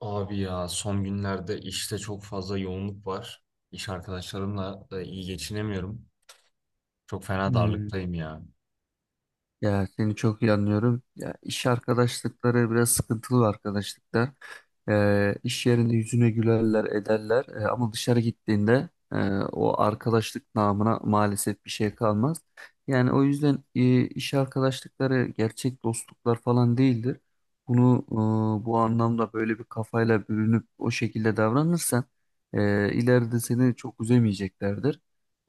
Abi ya son günlerde işte çok fazla yoğunluk var. İş arkadaşlarımla da iyi geçinemiyorum. Çok fena Hmm. darlıktayım ya. Ya seni çok iyi anlıyorum. Ya iş arkadaşlıkları biraz sıkıntılı arkadaşlıklar. İş yerinde yüzüne gülerler, ederler. Ama dışarı gittiğinde o arkadaşlık namına maalesef bir şey kalmaz. Yani o yüzden iş arkadaşlıkları gerçek dostluklar falan değildir. Bunu bu anlamda böyle bir kafayla bürünüp o şekilde davranırsan ileride seni çok üzemeyeceklerdir.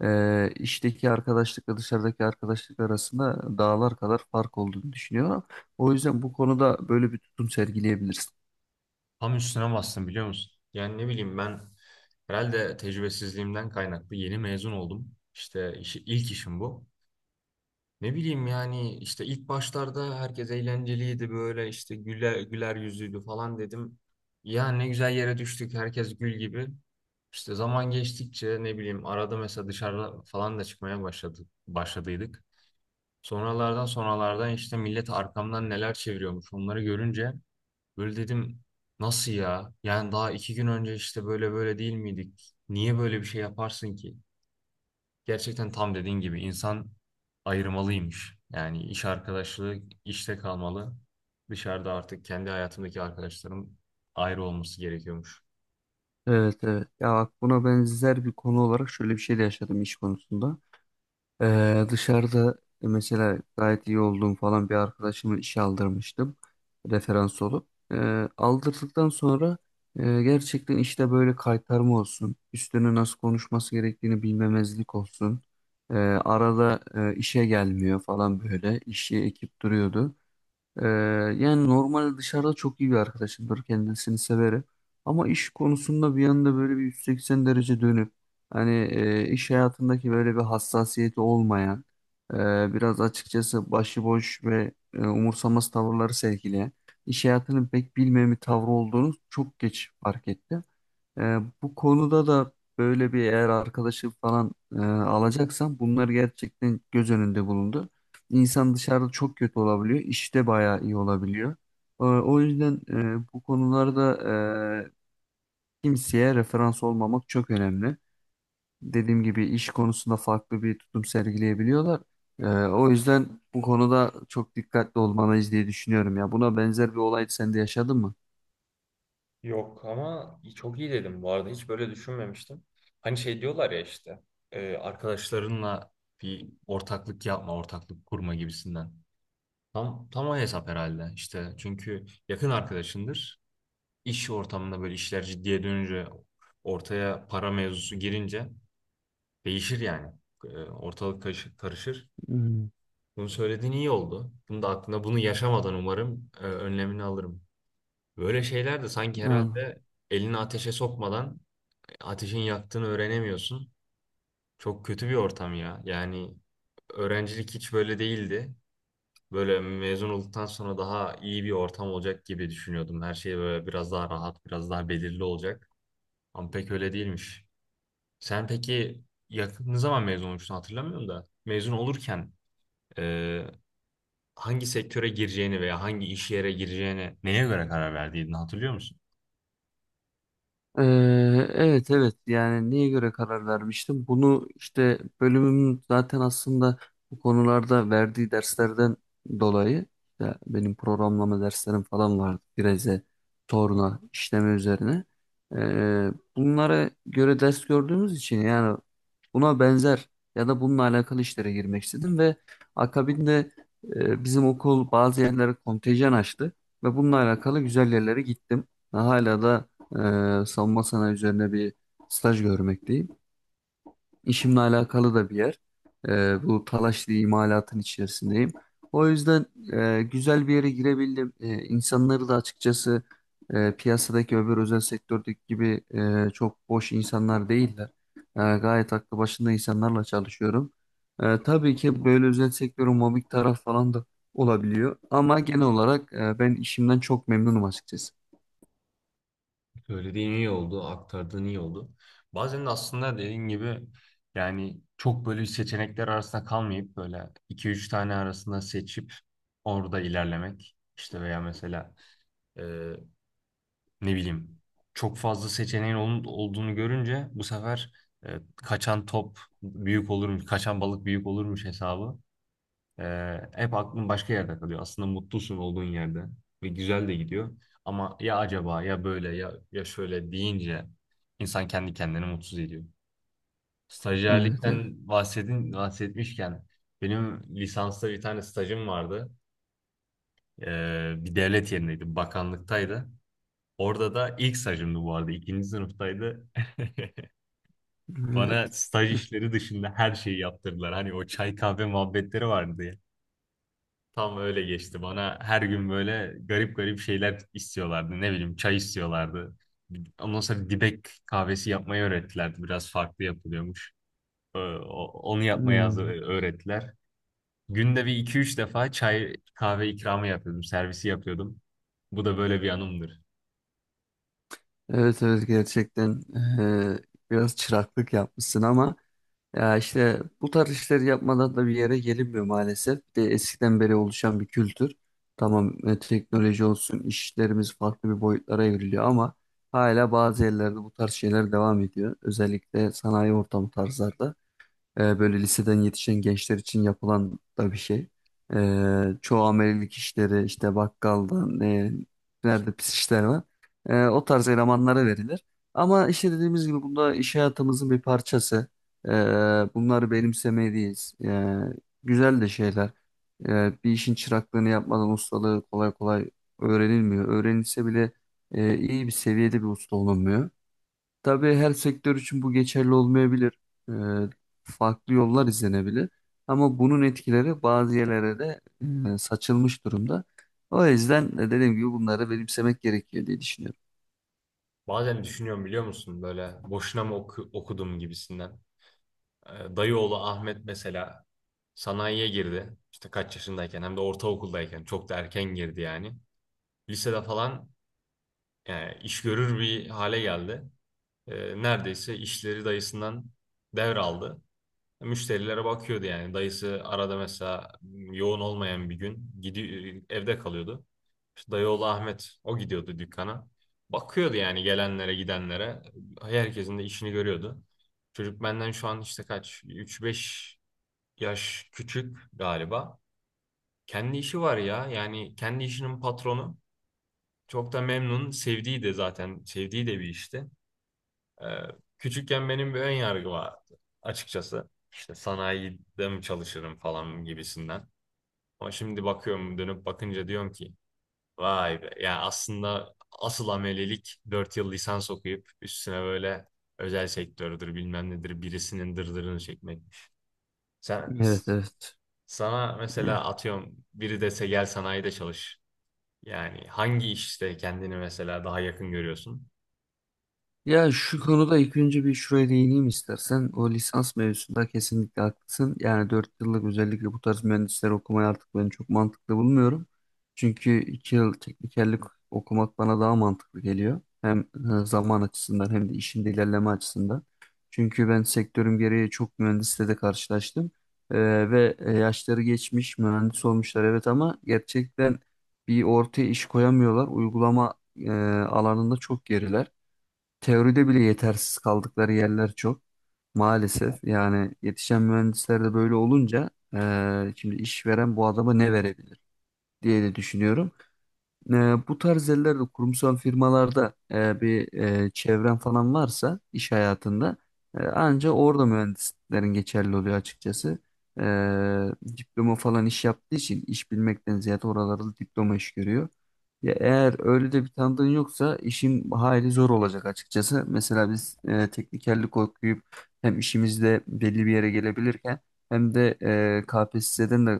İşteki arkadaşlıkla dışarıdaki arkadaşlık arasında dağlar kadar fark olduğunu düşünüyorum. O yüzden bu konuda böyle bir tutum sergileyebilirsin. Tam üstüne bastım biliyor musun? Yani ne bileyim ben herhalde tecrübesizliğimden kaynaklı yeni mezun oldum. İşte ilk işim bu. Ne bileyim yani işte ilk başlarda herkes eğlenceliydi böyle işte güler yüzlüydü falan dedim. Ya ne güzel yere düştük, herkes gül gibi. İşte zaman geçtikçe ne bileyim arada mesela dışarıda falan da çıkmaya başladıydık. Sonralardan işte millet arkamdan neler çeviriyormuş, onları görünce böyle dedim nasıl ya? Yani daha iki gün önce işte böyle değil miydik? Niye böyle bir şey yaparsın ki? Gerçekten tam dediğin gibi insan ayırmalıymış. Yani iş arkadaşlığı işte kalmalı. Dışarıda artık kendi hayatımdaki arkadaşlarım ayrı olması gerekiyormuş. Evet evet. Ya bak buna benzer bir konu olarak şöyle bir şey de yaşadım iş konusunda. Dışarıda mesela gayet iyi olduğum falan bir arkadaşımı işe aldırmıştım referans olup. Aldırdıktan sonra gerçekten işte böyle kaytarma olsun, üstüne nasıl konuşması gerektiğini bilmemezlik olsun. Arada işe gelmiyor falan böyle işi ekip duruyordu. Ee, Yani normal dışarıda çok iyi bir arkadaşımdır, kendisini severim. Ama iş konusunda bir anda böyle bir 180 derece dönüp hani iş hayatındaki böyle bir hassasiyeti olmayan e, biraz açıkçası başıboş ve umursamaz tavırları sergileyen iş hayatını pek bilmeyen bir tavrı olduğunu çok geç fark etti. Bu konuda da böyle bir eğer arkadaşı falan alacaksan bunlar gerçekten göz önünde bulundu. İnsan dışarıda çok kötü olabiliyor, işte bayağı iyi olabiliyor. O yüzden bu konularda e, kimseye referans olmamak çok önemli. Dediğim gibi iş konusunda farklı bir tutum sergileyebiliyorlar. O yüzden bu konuda çok dikkatli olmalıyız diye düşünüyorum ya. Buna benzer bir olay sen de yaşadın mı? Yok, ama çok iyi dedim, bu arada hiç böyle düşünmemiştim. Hani şey diyorlar ya işte arkadaşlarınla bir ortaklık yapma, ortaklık kurma gibisinden. Tam o hesap herhalde işte. Çünkü yakın arkadaşındır. İş ortamında böyle işler ciddiye dönünce, ortaya para mevzusu girince değişir yani. Ortalık karışır. Hmm. Bunu söylediğin iyi oldu. Bunu da aklına, bunu yaşamadan umarım önlemini alırım. Böyle şeyler de sanki Al. herhalde elini ateşe sokmadan ateşin yaktığını öğrenemiyorsun. Çok kötü bir ortam ya. Yani öğrencilik hiç böyle değildi. Böyle mezun olduktan sonra daha iyi bir ortam olacak gibi düşünüyordum. Her şey böyle biraz daha rahat, biraz daha belirli olacak. Ama pek öyle değilmiş. Sen peki yakın ne zaman mezun olmuştun hatırlamıyorum da. Mezun olurken e, hangi sektöre gireceğini veya hangi iş yere gireceğini neye göre karar verdiğini hatırlıyor musun? Ee, evet evet, yani neye göre karar vermiştim? Bunu işte bölümüm zaten aslında bu konularda verdiği derslerden dolayı, işte benim programlama derslerim falan vardı. Direze, torna, işleme üzerine. Bunlara göre ders gördüğümüz için yani buna benzer ya da bununla alakalı işlere girmek istedim ve akabinde bizim okul bazı yerlere kontenjan açtı ve bununla alakalı güzel yerlere gittim. Ve hala da savunma sanayi üzerine bir staj görmekteyim. İşimle alakalı da bir yer. Bu talaşlı imalatın içerisindeyim. O yüzden güzel bir yere girebildim. İnsanları da açıkçası piyasadaki öbür özel sektördeki gibi çok boş insanlar değiller. Gayet aklı başında insanlarla çalışıyorum. Tabii ki böyle özel sektörün mobbing taraf falan da olabiliyor. Ama genel olarak ben işimden çok memnunum açıkçası. Söylediğin iyi oldu, aktardığın iyi oldu. Bazen de aslında dediğin gibi yani çok böyle seçenekler arasında kalmayıp böyle iki üç tane arasında seçip orada ilerlemek. İşte veya mesela e, ne bileyim çok fazla seçeneğin olduğunu görünce bu sefer kaçan top büyük olurmuş, kaçan balık büyük olurmuş hesabı. Hep aklın başka yerde kalıyor. Aslında mutlusun olduğun yerde ve güzel de gidiyor. Ama ya acaba, ya böyle, ya ya şöyle deyince insan kendi kendini mutsuz ediyor. Evet evet. Stajyerlikten bahsetmişken benim lisansta bir tane stajım vardı. Bir devlet yerindeydi, bakanlıktaydı. Orada da ilk stajımdı bu arada. İkinci sınıftaydı. Bana Evet. staj işleri dışında her şeyi yaptırdılar. Hani o çay kahve muhabbetleri vardı, tam öyle geçti. Bana her gün böyle garip şeyler istiyorlardı. Ne bileyim çay istiyorlardı. Ondan sonra dibek kahvesi yapmayı öğrettilerdi. Biraz farklı yapılıyormuş. Onu yapmayı Hmm. öğrettiler. Günde bir iki üç defa çay kahve ikramı yapıyordum. Servisi yapıyordum. Bu da böyle bir anımdır. Evet evet, gerçekten eee, biraz çıraklık yapmışsın ama ya işte bu tarz işleri yapmadan da bir yere gelinmiyor maalesef. Bir de eskiden beri oluşan bir kültür. Tamam, teknoloji olsun işlerimiz farklı bir boyutlara evriliyor ama hala bazı yerlerde bu tarz şeyler devam ediyor. Özellikle sanayi ortamı tarzlarda. Böyle liseden yetişen gençler için yapılan da bir şey. Çoğu amelilik işleri işte bakkaldan nerede pis işler var. O tarz elemanlara verilir. Ama işte dediğimiz gibi bunda iş hayatımızın bir parçası. E, Bunları benimsemeliyiz. Güzel de şeyler. Bir işin çıraklığını yapmadan ustalığı kolay kolay öğrenilmiyor. Öğrenilse bile iyi bir seviyede bir usta olunmuyor. Tabii her sektör için bu geçerli olmayabilir. Ee, Farklı yollar izlenebilir. Ama bunun etkileri bazı yerlere de saçılmış durumda. O yüzden dediğim gibi bunları benimsemek gerekiyor diye düşünüyorum. Bazen düşünüyorum biliyor musun, böyle boşuna mı okudum gibisinden. Dayıoğlu Ahmet mesela sanayiye girdi. İşte kaç yaşındayken, hem de ortaokuldayken, çok da erken girdi yani. Lisede falan yani iş görür bir hale geldi. Neredeyse işleri dayısından devraldı. Müşterilere bakıyordu yani. Dayısı arada mesela yoğun olmayan bir gün gidiyor, evde kalıyordu. İşte dayı oğlu Ahmet o gidiyordu dükkana. Bakıyordu yani gelenlere gidenlere. Herkesin de işini görüyordu. Çocuk benden şu an işte kaç, üç beş yaş küçük galiba. Kendi işi var ya. Yani kendi işinin patronu. Çok da memnun. Sevdiği de bir işti. Ee, Küçükken benim bir ön yargı vardı açıkçası. İşte sanayide mi çalışırım falan gibisinden. Ama şimdi bakıyorum, dönüp bakınca diyorum ki vay be. Yani aslında asıl amelelik 4 yıl lisans okuyup üstüne böyle özel sektördür bilmem nedir birisinin dırdırını çekmekmiş. Sen, Evet evet. Sana mesela atıyorum biri dese gel sanayide çalış. Yani hangi işte kendini mesela daha yakın görüyorsun? Ya şu konuda ilk önce bir şuraya değineyim istersen. O lisans mevzusunda kesinlikle haklısın. Yani 4 yıllık, özellikle bu tarz mühendisleri okumayı artık ben çok mantıklı bulmuyorum. Çünkü 2 yıl teknikerlik okumak bana daha mantıklı geliyor. Hem zaman açısından hem de işin de ilerleme açısından. Çünkü ben sektörüm gereği çok mühendisle de karşılaştım. Ve yaşları geçmiş mühendis olmuşlar evet, ama gerçekten bir ortaya iş koyamıyorlar. Uygulama e, alanında çok geriler. Teoride bile yetersiz kaldıkları yerler çok. Maalesef, yani yetişen mühendisler de böyle olunca şimdi işveren bu adama ne verebilir diye de düşünüyorum. E, Bu tarz yerlerde kurumsal firmalarda bir çevren falan varsa iş hayatında anca orada mühendislerin geçerli oluyor açıkçası. E, Diploma falan iş yaptığı için iş bilmekten ziyade oralarda diploma iş görüyor. Ya eğer öyle de bir tanıdığın yoksa işin hayli zor olacak açıkçası. Mesela biz teknikerlik okuyup hem işimizde belli bir yere gelebilirken hem de KPSS'den de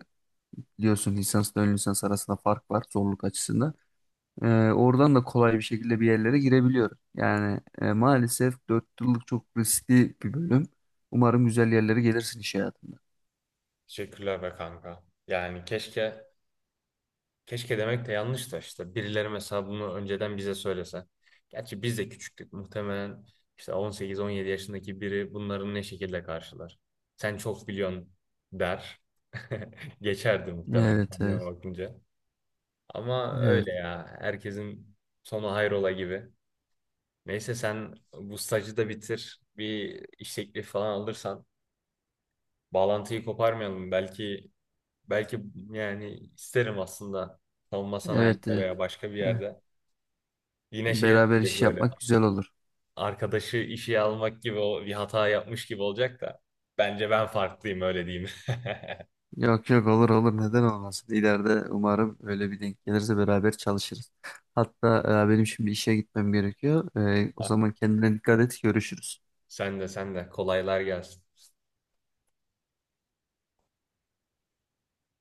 biliyorsun lisansla ön lisans arasında fark var zorluk açısından. Ee, Oradan da kolay bir şekilde bir yerlere girebiliyorum. Yani maalesef 4 yıllık çok riskli bir bölüm. Umarım güzel yerlere gelirsin iş hayatında. Teşekkürler be kanka. Yani keşke demek de yanlış, da işte birileri mesela bunu önceden bize söylese. Gerçi biz de küçüktük, muhtemelen işte 18-17 yaşındaki biri bunların ne şekilde karşılar. Sen çok biliyorsun der. Geçerdi muhtemelen Evet, kendime evet, bakınca. Ama evet, öyle ya, herkesin sonu hayrola gibi. Neyse sen bu stajı da bitir. Bir iş teklifi falan alırsan bağlantıyı koparmayalım. Belki yani isterim aslında, savunma evet, sanayinde evet. veya başka bir Evet. yerde. Yine şeye Beraber dönecek iş böyle. yapmak güzel olur. Arkadaşı işe almak gibi, o bir hata yapmış gibi olacak da. Bence ben farklıyım, öyle diyeyim. Yok yok, olur olur, neden olmasın. İleride umarım öyle bir denk gelirse beraber çalışırız. Hatta benim şimdi işe gitmem gerekiyor. O zaman kendine dikkat et, görüşürüz. Sen de kolaylar gelsin.